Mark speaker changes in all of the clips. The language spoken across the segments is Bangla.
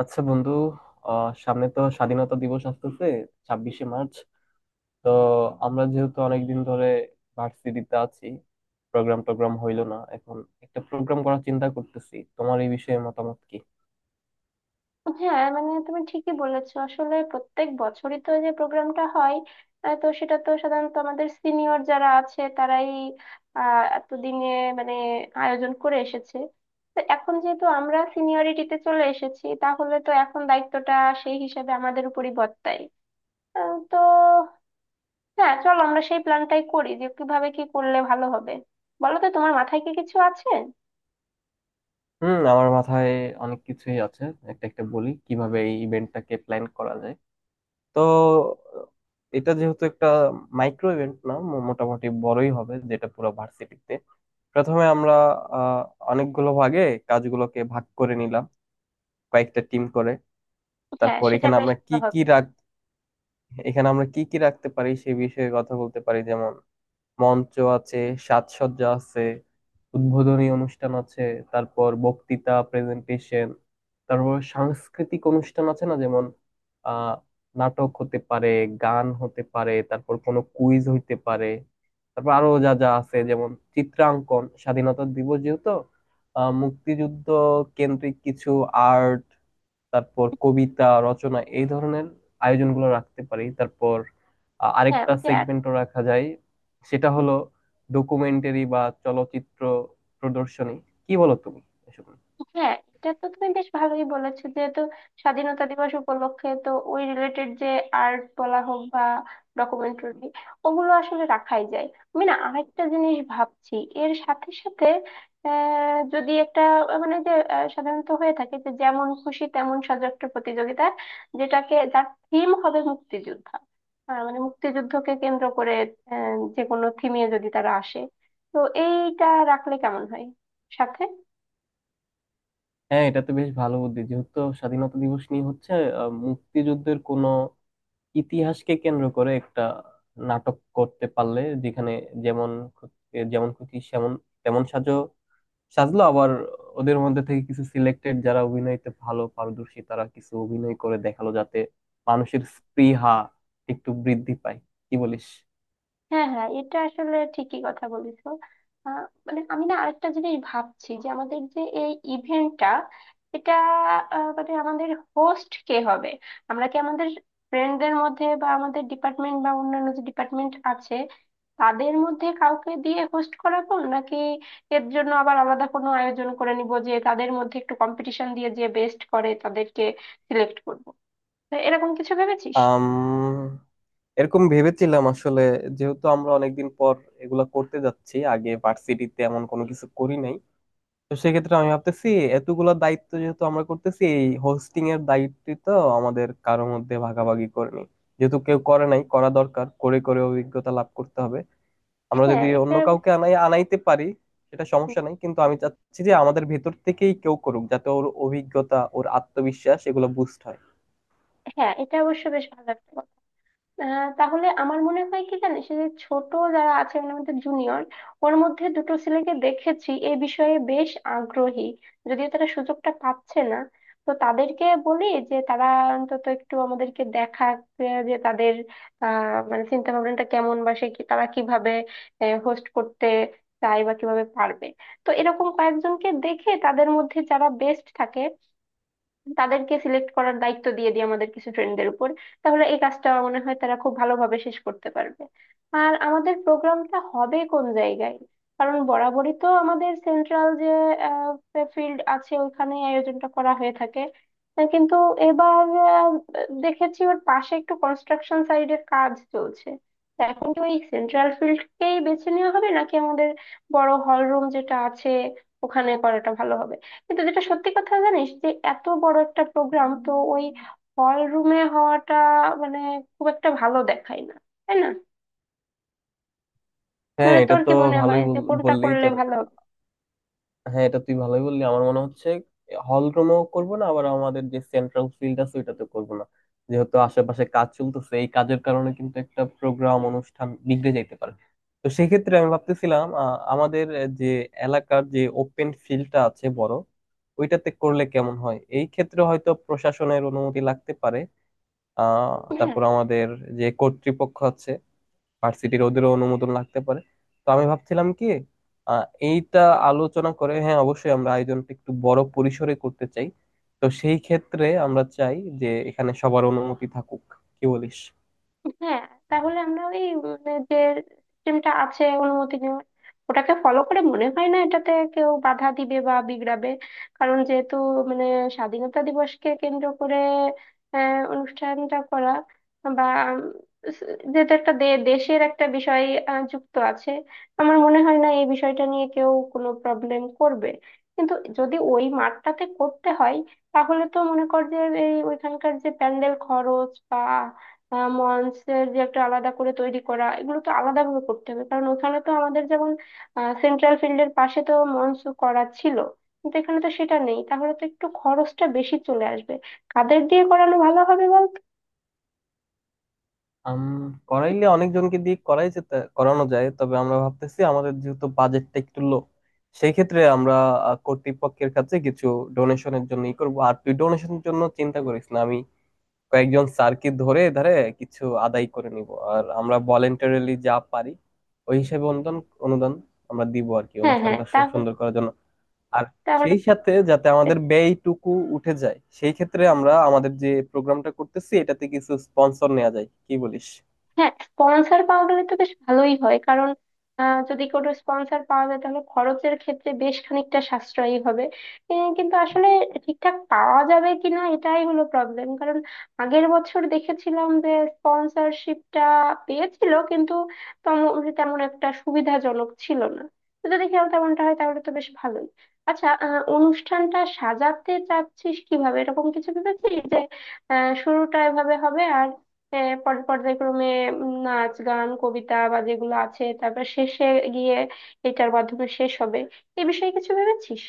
Speaker 1: আচ্ছা বন্ধু। সামনে তো স্বাধীনতা দিবস আসতেছে, 26শে মার্চ। তো আমরা যেহেতু অনেকদিন ধরে ভার্সিটিতে আছি, প্রোগ্রাম টোগ্রাম হইলো না, এখন একটা প্রোগ্রাম করার চিন্তা করতেছি, তোমার এই বিষয়ে মতামত কি?
Speaker 2: হ্যাঁ, মানে তুমি ঠিকই বলেছো। আসলে প্রত্যেক বছরই তো যে প্রোগ্রামটা হয়, তো সেটা তো সাধারণত আমাদের সিনিয়র যারা আছে তারাই এতদিনে মানে আয়োজন করে এসেছে। তো এখন যেহেতু আমরা সিনিয়রিটিতে চলে এসেছি, তাহলে তো এখন দায়িত্বটা সেই হিসাবে আমাদের উপরই বর্তায়। তো হ্যাঁ, চলো আমরা সেই প্ল্যানটাই করি যে কিভাবে কি করলে ভালো হবে। বলো তো, তোমার মাথায় কি কিছু আছে?
Speaker 1: হুম, আমার মাথায় অনেক কিছুই আছে। একটা একটা বলি কিভাবে এই ইভেন্টটাকে প্ল্যান করা যায়। তো এটা যেহেতু একটা মাইক্রো ইভেন্ট না, মোটামুটি বড়ই হবে, যেটা পুরো ভার্সিটিতে। প্রথমে আমরা আহ অনেকগুলো ভাগে কাজগুলোকে ভাগ করে নিলাম, কয়েকটা টিম করে।
Speaker 2: হ্যাঁ,
Speaker 1: তারপর
Speaker 2: সেটা বেশ ভালো হবে।
Speaker 1: এখানে আমরা কি কি রাখতে পারি সে বিষয়ে কথা বলতে পারি, যেমন মঞ্চ আছে, সাজসজ্জা আছে, উদ্বোধনী অনুষ্ঠান আছে, তারপর বক্তৃতা, প্রেজেন্টেশন, তারপর সাংস্কৃতিক অনুষ্ঠান আছে না, যেমন আহ নাটক হতে পারে, গান হতে পারে, তারপর কোনো কুইজ হইতে পারে। তারপর আরো যা যা আছে, যেমন চিত্রাঙ্কন, স্বাধীনতা দিবস যেহেতু, মুক্তিযুদ্ধ কেন্দ্রিক কিছু আর্ট, তারপর কবিতা রচনা, এই ধরনের আয়োজনগুলো রাখতে পারি। তারপর
Speaker 2: হ্যাঁ,
Speaker 1: আরেকটা
Speaker 2: ওই যে।
Speaker 1: সেগমেন্টও রাখা যায়, সেটা হলো ডকুমেন্টারি বা চলচ্চিত্র প্রদর্শনী। কি বলো তুমি এসব নিয়ে?
Speaker 2: হ্যাঁ, এটা তো তুমি বেশ ভালোই বলেছো। যেহেতু স্বাধীনতা দিবস উপলক্ষে, তো ওই রিলেটেড যে আর্ট বলা হোক বা ডকুমেন্টারি, ওগুলো আসলে রাখাই যায়। আমি না আরেকটা জিনিস ভাবছি এর সাথে সাথে, যদি একটা মানে যে সাধারণত হয়ে থাকে যে যেমন খুশি তেমন সাজো, একটা প্রতিযোগিতা, যেটাকে যার থিম হবে মুক্তিযোদ্ধা, মানে মুক্তিযুদ্ধকে কেন্দ্র করে যে কোনো থিমে যদি তারা আসে, তো এইটা রাখলে কেমন হয় সাথে।
Speaker 1: হ্যাঁ, এটা তো বেশ ভালো বুদ্ধি। যেহেতু স্বাধীনতা দিবস নিয়ে হচ্ছে, মুক্তিযুদ্ধের কোনো ইতিহাসকে কেন্দ্র করে একটা নাটক করতে পারলে, যেখানে যেমন খুত- যেমন খুশি সেমন তেমন সাজো সাজলো, আবার ওদের মধ্যে থেকে কিছু সিলেক্টেড যারা অভিনয়তে ভালো পারদর্শী তারা কিছু অভিনয় করে দেখালো, যাতে মানুষের স্পৃহা একটু বৃদ্ধি পায়। কি বলিস?
Speaker 2: হ্যাঁ হ্যাঁ, এটা আসলে ঠিকই কথা বলেছো। আহ, মানে আমি না আরেকটা জিনিস ভাবছি যে আমাদের যে এই ইভেন্টটা, এটা মানে আমাদের হোস্ট কে হবে? আমরা কি আমাদের ফ্রেন্ডদের মধ্যে বা আমাদের ডিপার্টমেন্ট বা অন্যান্য যে ডিপার্টমেন্ট আছে তাদের মধ্যে কাউকে দিয়ে হোস্ট করাবো, নাকি এর জন্য আবার আলাদা কোনো আয়োজন করে নিব যে তাদের মধ্যে একটু কম্পিটিশন দিয়ে যে বেস্ট করে তাদেরকে সিলেক্ট করবো? তো এরকম কিছু ভেবেছিস?
Speaker 1: আম এরকম ভেবেছিলাম আসলে। যেহেতু আমরা অনেকদিন পর এগুলা করতে যাচ্ছি, আগে ভার্সিটিতে এমন কোনো কিছু করি নাই, তো সেক্ষেত্রে আমি ভাবতেছি, এতগুলা দায়িত্ব যেহেতু আমরা করতেছি, এই হোস্টিং এর দায়িত্ব তো আমাদের কারোর মধ্যে ভাগাভাগি করে নিই। যেহেতু কেউ করে নাই, করা দরকার, করে করে অভিজ্ঞতা লাভ করতে হবে। আমরা
Speaker 2: হ্যাঁ,
Speaker 1: যদি অন্য
Speaker 2: এটা।
Speaker 1: কাউকে আনাইতে পারি সেটা
Speaker 2: হুম,
Speaker 1: সমস্যা নাই, কিন্তু আমি চাচ্ছি যে আমাদের ভেতর থেকেই কেউ করুক, যাতে ওর অভিজ্ঞতা, ওর আত্মবিশ্বাস এগুলো বুস্ট হয়।
Speaker 2: হ্যাঁ, এটা অবশ্য বেশ ভালো একটা কথা। তাহলে আমার মনে হয় কি জানিস, এই যে ছোট যারা আছে মানে আমাদের জুনিয়র, ওর মধ্যে দুটো ছেলেকে দেখেছি এ বিষয়ে বেশ আগ্রহী, যদিও তারা সুযোগটা পাচ্ছে না। তো তাদেরকে বলি যে তারা অন্তত একটু আমাদেরকে দেখাক যে তাদের আহ মানে চিন্তা ভাবনাটা কেমন, বা সে কি তারা কিভাবে হোস্ট করতে চায় বা কিভাবে পারবে। তো এরকম কয়েকজনকে দেখে তাদের মধ্যে যারা বেস্ট থাকে তাদেরকে সিলেক্ট করার দায়িত্ব দিয়ে দিই আমাদের কিছু ট্রেনদের উপর। তাহলে এই কাজটা মনে হয় তারা খুব ভালোভাবে শেষ করতে পারবে। আর আমাদের প্রোগ্রামটা হবে কোন জায়গায়? কারণ বরাবরই তো আমাদের সেন্ট্রাল যে ফিল্ড আছে ওখানে আয়োজনটা করা হয়ে থাকে। কিন্তু এবার দেখেছি ওর পাশে একটু কনস্ট্রাকশন সাইডের কাজ চলছে। তা এখন কি ওই সেন্ট্রাল ফিল্ডকেই বেছে নেওয়া হবে, নাকি আমাদের বড় হল রুম যেটা আছে ওখানে করাটা ভালো হবে? কিন্তু যেটা সত্যি কথা জানিস, যে এত বড় একটা প্রোগ্রাম তো ওই হল রুমে হওয়াটা মানে খুব একটা ভালো দেখায় না, তাই না?
Speaker 1: হ্যাঁ,
Speaker 2: মানে
Speaker 1: এটা
Speaker 2: তোর
Speaker 1: তো
Speaker 2: কি মনে
Speaker 1: ভালোই
Speaker 2: হয় যে
Speaker 1: বল-
Speaker 2: কোনটা
Speaker 1: বললেই
Speaker 2: করলে
Speaker 1: তোর
Speaker 2: ভালো হবে?
Speaker 1: হ্যাঁ, এটা তুই ভালোই বললি, আমার মনে হচ্ছে। হল রুমেও করবো না, আবার আমাদের যে সেন্ট্রাল ফিল্ড আছে ওইটাতে করবো না, যেহেতু আশেপাশে কাজ চলতেছে, এই কাজের কারণে কিন্তু একটা প্রোগ্রাম অনুষ্ঠান বিগড়ে যাইতে পারে। তো সেক্ষেত্রে আমি ভাবতেছিলাম, আমাদের যে এলাকার যে ওপেন ফিল্ডটা আছে বড়, ওইটাতে করলে কেমন হয়? এই ক্ষেত্রে হয়তো প্রশাসনের অনুমতি লাগতে পারে, আহ
Speaker 2: হ্যাঁ
Speaker 1: তারপর আমাদের যে কর্তৃপক্ষ আছে ভার্সিটির, ওদেরও অনুমোদন লাগতে পারে। তো আমি ভাবছিলাম কি, আহ, এইটা আলোচনা করে, হ্যাঁ অবশ্যই আমরা আয়োজনটা একটু বড় পরিসরে করতে চাই। তো সেই ক্ষেত্রে আমরা চাই যে এখানে সবার অনুমতি থাকুক। কি বলিস?
Speaker 2: হ্যাঁ, তাহলে আমরা ওই যে সিস্টেমটা আছে অনুমতি নেওয়ার, ওটাকে ফলো করে মনে হয় না এটাতে কেউ বাধা দিবে বা বিগড়াবে। কারণ যেহেতু মানে স্বাধীনতা দিবসকে কেন্দ্র করে অনুষ্ঠানটা করা, বা উম, যেহেতু একটা দেশের একটা বিষয় যুক্ত আছে, আমার মনে হয় না এই বিষয়টা নিয়ে কেউ কোনো প্রবলেম করবে। কিন্তু যদি ওই মাঠটাতে করতে হয়, তাহলে তো মনে কর যে এই ওইখানকার যে প্যান্ডেল খরচ বা মঞ্চের যে একটা আলাদা করে তৈরি করা, এগুলো তো আলাদা ভাবে করতে হবে। কারণ ওখানে তো আমাদের, যেমন সেন্ট্রাল ফিল্ডের পাশে তো মঞ্চ করা ছিল, কিন্তু এখানে তো সেটা নেই, তাহলে তো একটু খরচটা বেশি চলে আসবে। কাদের দিয়ে করানো ভালো হবে বলতো?
Speaker 1: আম, করাইলে অনেকজনকে দিয়ে করাই যেতে করানো যায়, তবে আমরা ভাবতেছি আমাদের যেহেতু বাজেটটা একটু লো, সেই ক্ষেত্রে আমরা কর্তৃপক্ষের কাছে কিছু ডোনেশনের জন্য ই করবো। আর তুই ডোনেশনের জন্য চিন্তা করিস না, আমি কয়েকজন স্যারকে ধরে ধরে কিছু আদায় করে নিব। আর আমরা ভলেন্টারিলি যা পারি, ওই হিসেবে অনুদান অনুদান আমরা দিব আর কি,
Speaker 2: হ্যাঁ হ্যাঁ,
Speaker 1: অনুষ্ঠানটা
Speaker 2: তাহলে।
Speaker 1: সুন্দর করার জন্য। আর
Speaker 2: তাহলে।
Speaker 1: সেই সাথে যাতে আমাদের ব্যয়টুকু উঠে যায়, সেই ক্ষেত্রে আমরা আমাদের যে প্রোগ্রামটা করতেছি এটাতে কিছু স্পন্সর নেওয়া যায়। কি বলিস?
Speaker 2: হ্যাঁ, স্পন্সর পাওয়া গেলে তো বেশ ভালোই হয়। কারণ যদি কোনো স্পন্সর পাওয়া যায় তাহলে খরচের ক্ষেত্রে বেশ খানিকটা সাশ্রয়ী হবে। কিন্তু আসলে ঠিকঠাক পাওয়া যাবে কিনা এটাই হলো প্রবলেম। কারণ আগের বছর দেখেছিলাম যে স্পন্সরশিপটা পেয়েছিল, কিন্তু তেমন তেমন একটা সুবিধাজনক ছিল না। তো যদি খেয়াল তেমনটা হয় তাহলে তো বেশ ভালোই। আচ্ছা, অনুষ্ঠানটা সাজাতে চাচ্ছিস কিভাবে? এরকম কিছু ভেবেছিস যে শুরুটা এভাবে হবে আর পর্যায়ক্রমে নাচ গান কবিতা বা যেগুলো আছে, তারপর শেষে গিয়ে এটার মাধ্যমে শেষ হবে? এই বিষয়ে কিছু ভেবেছিস?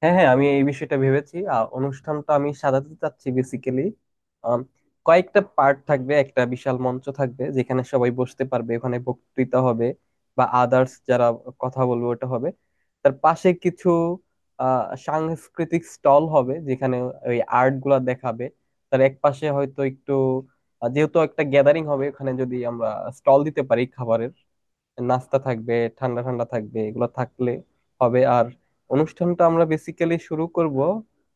Speaker 1: হ্যাঁ, হ্যাঁ, আমি এই বিষয়টা ভেবেছি। আর অনুষ্ঠানটা আমি সাজাতে চাচ্ছি বেসিক্যালি কয়েকটা পার্ট থাকবে, একটা বিশাল মঞ্চ থাকবে যেখানে সবাই বসতে পারবে, ওখানে বক্তৃতা হবে বা আদার্স যারা কথা বলবে ওটা হবে। তার পাশে কিছু সাংস্কৃতিক স্টল হবে, যেখানে ওই আর্ট গুলা দেখাবে। তার এক পাশে হয়তো একটু, যেহেতু একটা গ্যাদারিং হবে ওখানে যদি আমরা স্টল দিতে পারি খাবারের, নাস্তা থাকবে, ঠান্ডা ঠান্ডা থাকবে, এগুলো থাকলে হবে। আর অনুষ্ঠানটা আমরা বেসিক্যালি শুরু করব,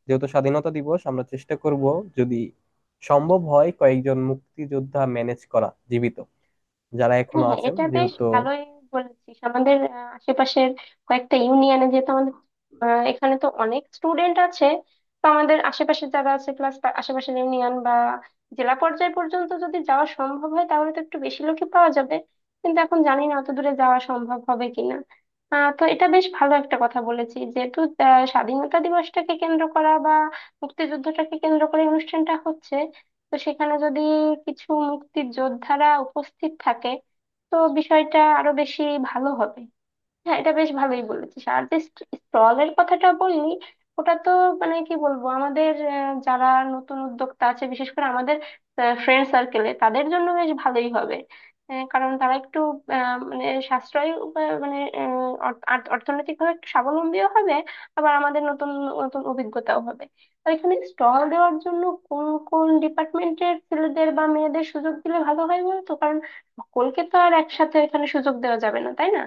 Speaker 1: যেহেতু স্বাধীনতা দিবস, আমরা চেষ্টা করব যদি সম্ভব হয় কয়েকজন মুক্তিযোদ্ধা ম্যানেজ করা, জীবিত যারা
Speaker 2: হ্যাঁ
Speaker 1: এখনো
Speaker 2: হ্যাঁ,
Speaker 1: আছেন
Speaker 2: এটা বেশ
Speaker 1: যেহেতু।
Speaker 2: ভালোই বলেছিস। আমাদের আশেপাশের কয়েকটা ইউনিয়নে যেহেতু আমাদের এখানে তো অনেক স্টুডেন্ট আছে, তো আমাদের আশেপাশে যারা আছে, প্লাস আশেপাশের ইউনিয়ন বা জেলা পর্যায় পর্যন্ত যদি যাওয়া সম্ভব হয় তাহলে তো একটু বেশি লোকই পাওয়া যাবে। কিন্তু এখন জানি না অত দূরে যাওয়া সম্ভব হবে কিনা। তো এটা বেশ ভালো একটা কথা বলেছি। যেহেতু স্বাধীনতা দিবসটাকে কেন্দ্র করা বা মুক্তিযুদ্ধটাকে কেন্দ্র করে অনুষ্ঠানটা হচ্ছে, তো সেখানে যদি কিছু মুক্তির যোদ্ধারা উপস্থিত থাকে তো বিষয়টা আরো বেশি ভালো হবে। হ্যাঁ, এটা বেশ ভালোই বলেছিস। আর যে স্টলের কথাটা বললি, ওটা তো মানে কি বলবো, আমাদের যারা নতুন উদ্যোক্তা আছে বিশেষ করে আমাদের ফ্রেন্ড সার্কেলে, তাদের জন্য বেশ ভালোই হবে। কারণ তারা একটু মানে সাশ্রয় উপায়, মানে অর্থনৈতিকভাবে একটু স্বাবলম্বীও হবে। আবার আমাদের নতুন নতুন অভিজ্ঞতাও হবে। তো এখানে স্টল দেওয়ার জন্য কোন কোন ডিপার্টমেন্টের ছেলেদের বা মেয়েদের সুযোগ দিলে ভালো হয় বলতো? কারণ সকলকে তো আর একসাথে এখানে সুযোগ দেওয়া যাবে না, তাই না?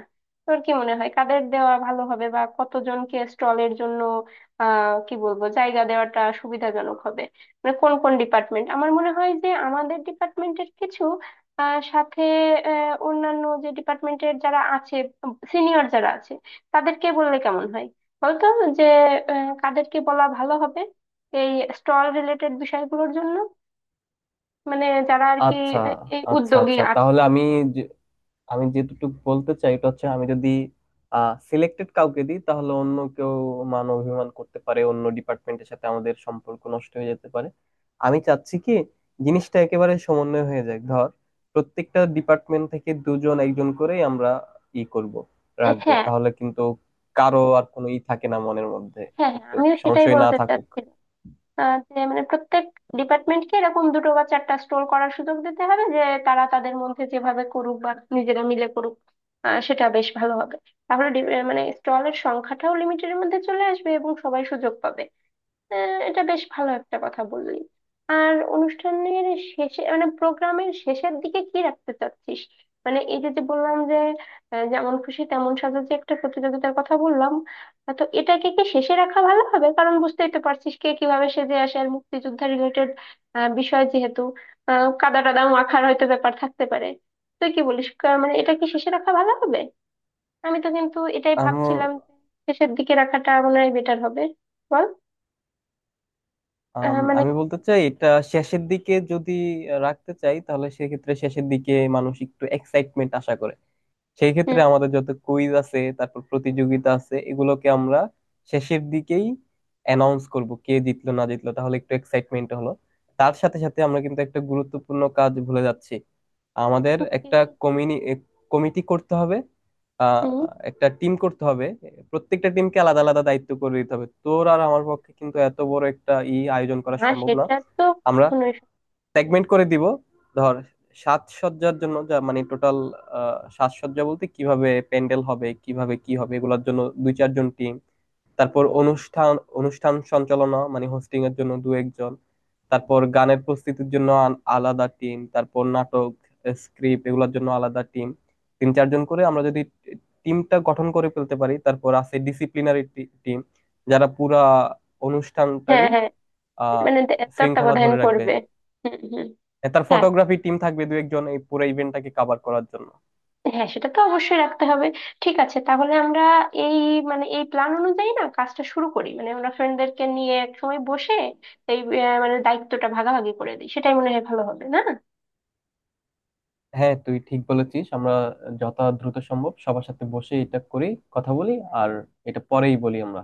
Speaker 2: তোর কি মনে হয় কাদের দেওয়া ভালো হবে বা কতজনকে স্টলের জন্য কি বলবো, জায়গা দেওয়াটা সুবিধাজনক হবে? মানে কোন কোন ডিপার্টমেন্ট? আমার মনে হয় যে আমাদের ডিপার্টমেন্টের কিছু, সাথে অন্যান্য যে ডিপার্টমেন্টের যারা আছে, সিনিয়র যারা আছে, তাদেরকে বললে কেমন হয়? বলতো যে কাদেরকে বলা ভালো হবে এই স্টল রিলেটেড বিষয়গুলোর জন্য, মানে যারা আর কি
Speaker 1: আচ্ছা,
Speaker 2: এই
Speaker 1: আচ্ছা,
Speaker 2: উদ্যোগী
Speaker 1: আচ্ছা।
Speaker 2: আছে।
Speaker 1: তাহলে যে- আমি যেটুকু বলতে চাই এটা হচ্ছে, আমি যদি সিলেক্টেড কাউকে দিই তাহলে অন্য কেউ মান অভিমান করতে পারে, অন্য ডিপার্টমেন্টের সাথে আমাদের সম্পর্ক নষ্ট হয়ে যেতে পারে। আমি চাচ্ছি কি, জিনিসটা একেবারে সমন্বয় হয়ে যায়। ধর প্রত্যেকটা ডিপার্টমেন্ট থেকে দুজন একজন করেই আমরা ই করব,
Speaker 2: এ,
Speaker 1: রাখবো,
Speaker 2: হ্যাঁ।
Speaker 1: তাহলে কিন্তু কারো আর কোনো ই থাকে না মনের মধ্যে,
Speaker 2: হ্যাঁ হ্যাঁ,
Speaker 1: একটু
Speaker 2: আমিও সেটাই
Speaker 1: সংশয় না
Speaker 2: বলতে
Speaker 1: থাকুক।
Speaker 2: চাচ্ছি। যে মানে প্রত্যেক ডিপার্টমেন্টকে এরকম দুটো বা চারটা স্টোর করার সুযোগ দিতে হবে, যে তারা তাদের মধ্যে যেভাবে করুক বা নিজেরা মিলে করুক, সেটা বেশ ভালো হবে। তাহলে মানে স্টলের সংখ্যাটাও লিমিটের মধ্যে চলে আসবে এবং সবাই সুযোগ পাবে। আহ, এটা বেশ ভালো একটা কথা বললি। আর অনুষ্ঠানের শেষে মানে প্রোগ্রামের শেষের দিকে কি রাখতে চাচ্ছিস? মানে এই যে যে বললাম যে যেমন খুশি তেমন সাজো যে একটা প্রতিযোগিতার কথা বললাম, তো এটাকে কি শেষে রাখা ভালো হবে? কারণ বুঝতেই তো পারছিস কে কিভাবে সেজে আসে। আর মুক্তিযোদ্ধা রিলেটেড বিষয় যেহেতু, কাদা টাদা মাখার হয়তো ব্যাপার থাকতে পারে। তুই কি বলিস, মানে এটা কি শেষে রাখা ভালো হবে? আমি তো কিন্তু এটাই
Speaker 1: আমার
Speaker 2: ভাবছিলাম যে শেষের দিকে রাখাটা মনে হয় বেটার হবে। বল। মানে
Speaker 1: আমি বলতে চাই এটা, শেষের দিকে যদি রাখতে চাই তাহলে সেক্ষেত্রে শেষের দিকে মানুষ একটু এক্সাইটমেন্ট আশা করে। সেই ক্ষেত্রে
Speaker 2: হুম
Speaker 1: আমাদের যত কুইজ আছে, তারপর প্রতিযোগিতা আছে, এগুলোকে আমরা শেষের দিকেই অ্যানাউন্স করব, কে জিতলো না জিতলো, তাহলে একটু এক্সাইটমেন্ট হলো। তার সাথে সাথে আমরা কিন্তু একটা গুরুত্বপূর্ণ কাজ ভুলে যাচ্ছি। আমাদের একটা
Speaker 2: হুম,
Speaker 1: কমিটি করতে হবে, আহ
Speaker 2: হুম,
Speaker 1: একটা টিম করতে হবে। প্রত্যেকটা টিমকে আলাদা আলাদা দায়িত্ব করে দিতে হবে। তোর আর আমার পক্ষে কিন্তু এত বড় একটা ই আয়োজন করা
Speaker 2: না
Speaker 1: সম্ভব না,
Speaker 2: সেটা তো
Speaker 1: আমরা
Speaker 2: কখনোই
Speaker 1: সেগমেন্ট করে দিব। ধর সাজসজ্জার জন্য, যা মানে টোটাল সাজসজ্জা বলতে কিভাবে প্যান্ডেল হবে, কিভাবে কি হবে, এগুলোর জন্য দুই চারজন টিম। তারপর অনুষ্ঠান অনুষ্ঠান সঞ্চালনা মানে হোস্টিং এর জন্য দু একজন। তারপর গানের প্রস্তুতির জন্য আলাদা টিম, তারপর নাটক স্ক্রিপ্ট এগুলোর জন্য আলাদা টিম, তিন চারজন করে আমরা যদি টিমটা গঠন করে ফেলতে পারি। তারপর আছে ডিসিপ্লিনারি টিম, যারা পুরা
Speaker 2: হ্যাঁ
Speaker 1: অনুষ্ঠানটারই
Speaker 2: হ্যাঁ,
Speaker 1: আহ
Speaker 2: মানে
Speaker 1: শৃঙ্খলা
Speaker 2: তত্ত্বাবধান
Speaker 1: ধরে রাখবে।
Speaker 2: করবে। হুম হুম।
Speaker 1: হ্যাঁ, তার
Speaker 2: হ্যাঁ
Speaker 1: ফটোগ্রাফি টিম থাকবে দু একজন এই পুরো ইভেন্টটাকে কভার করার জন্য।
Speaker 2: হ্যাঁ, সেটা তো অবশ্যই রাখতে হবে। ঠিক আছে, তাহলে আমরা এই মানে এই প্ল্যান অনুযায়ী না কাজটা শুরু করি, মানে আমরা ফ্রেন্ডদেরকে নিয়ে এক সময় বসে এই মানে দায়িত্বটা ভাগাভাগি করে দিই, সেটাই মনে হয় ভালো হবে না?
Speaker 1: হ্যাঁ তুই ঠিক বলেছিস, আমরা যত দ্রুত সম্ভব সবার সাথে বসে এটা করি, কথা বলি। আর এটা পরেই বলি আমরা।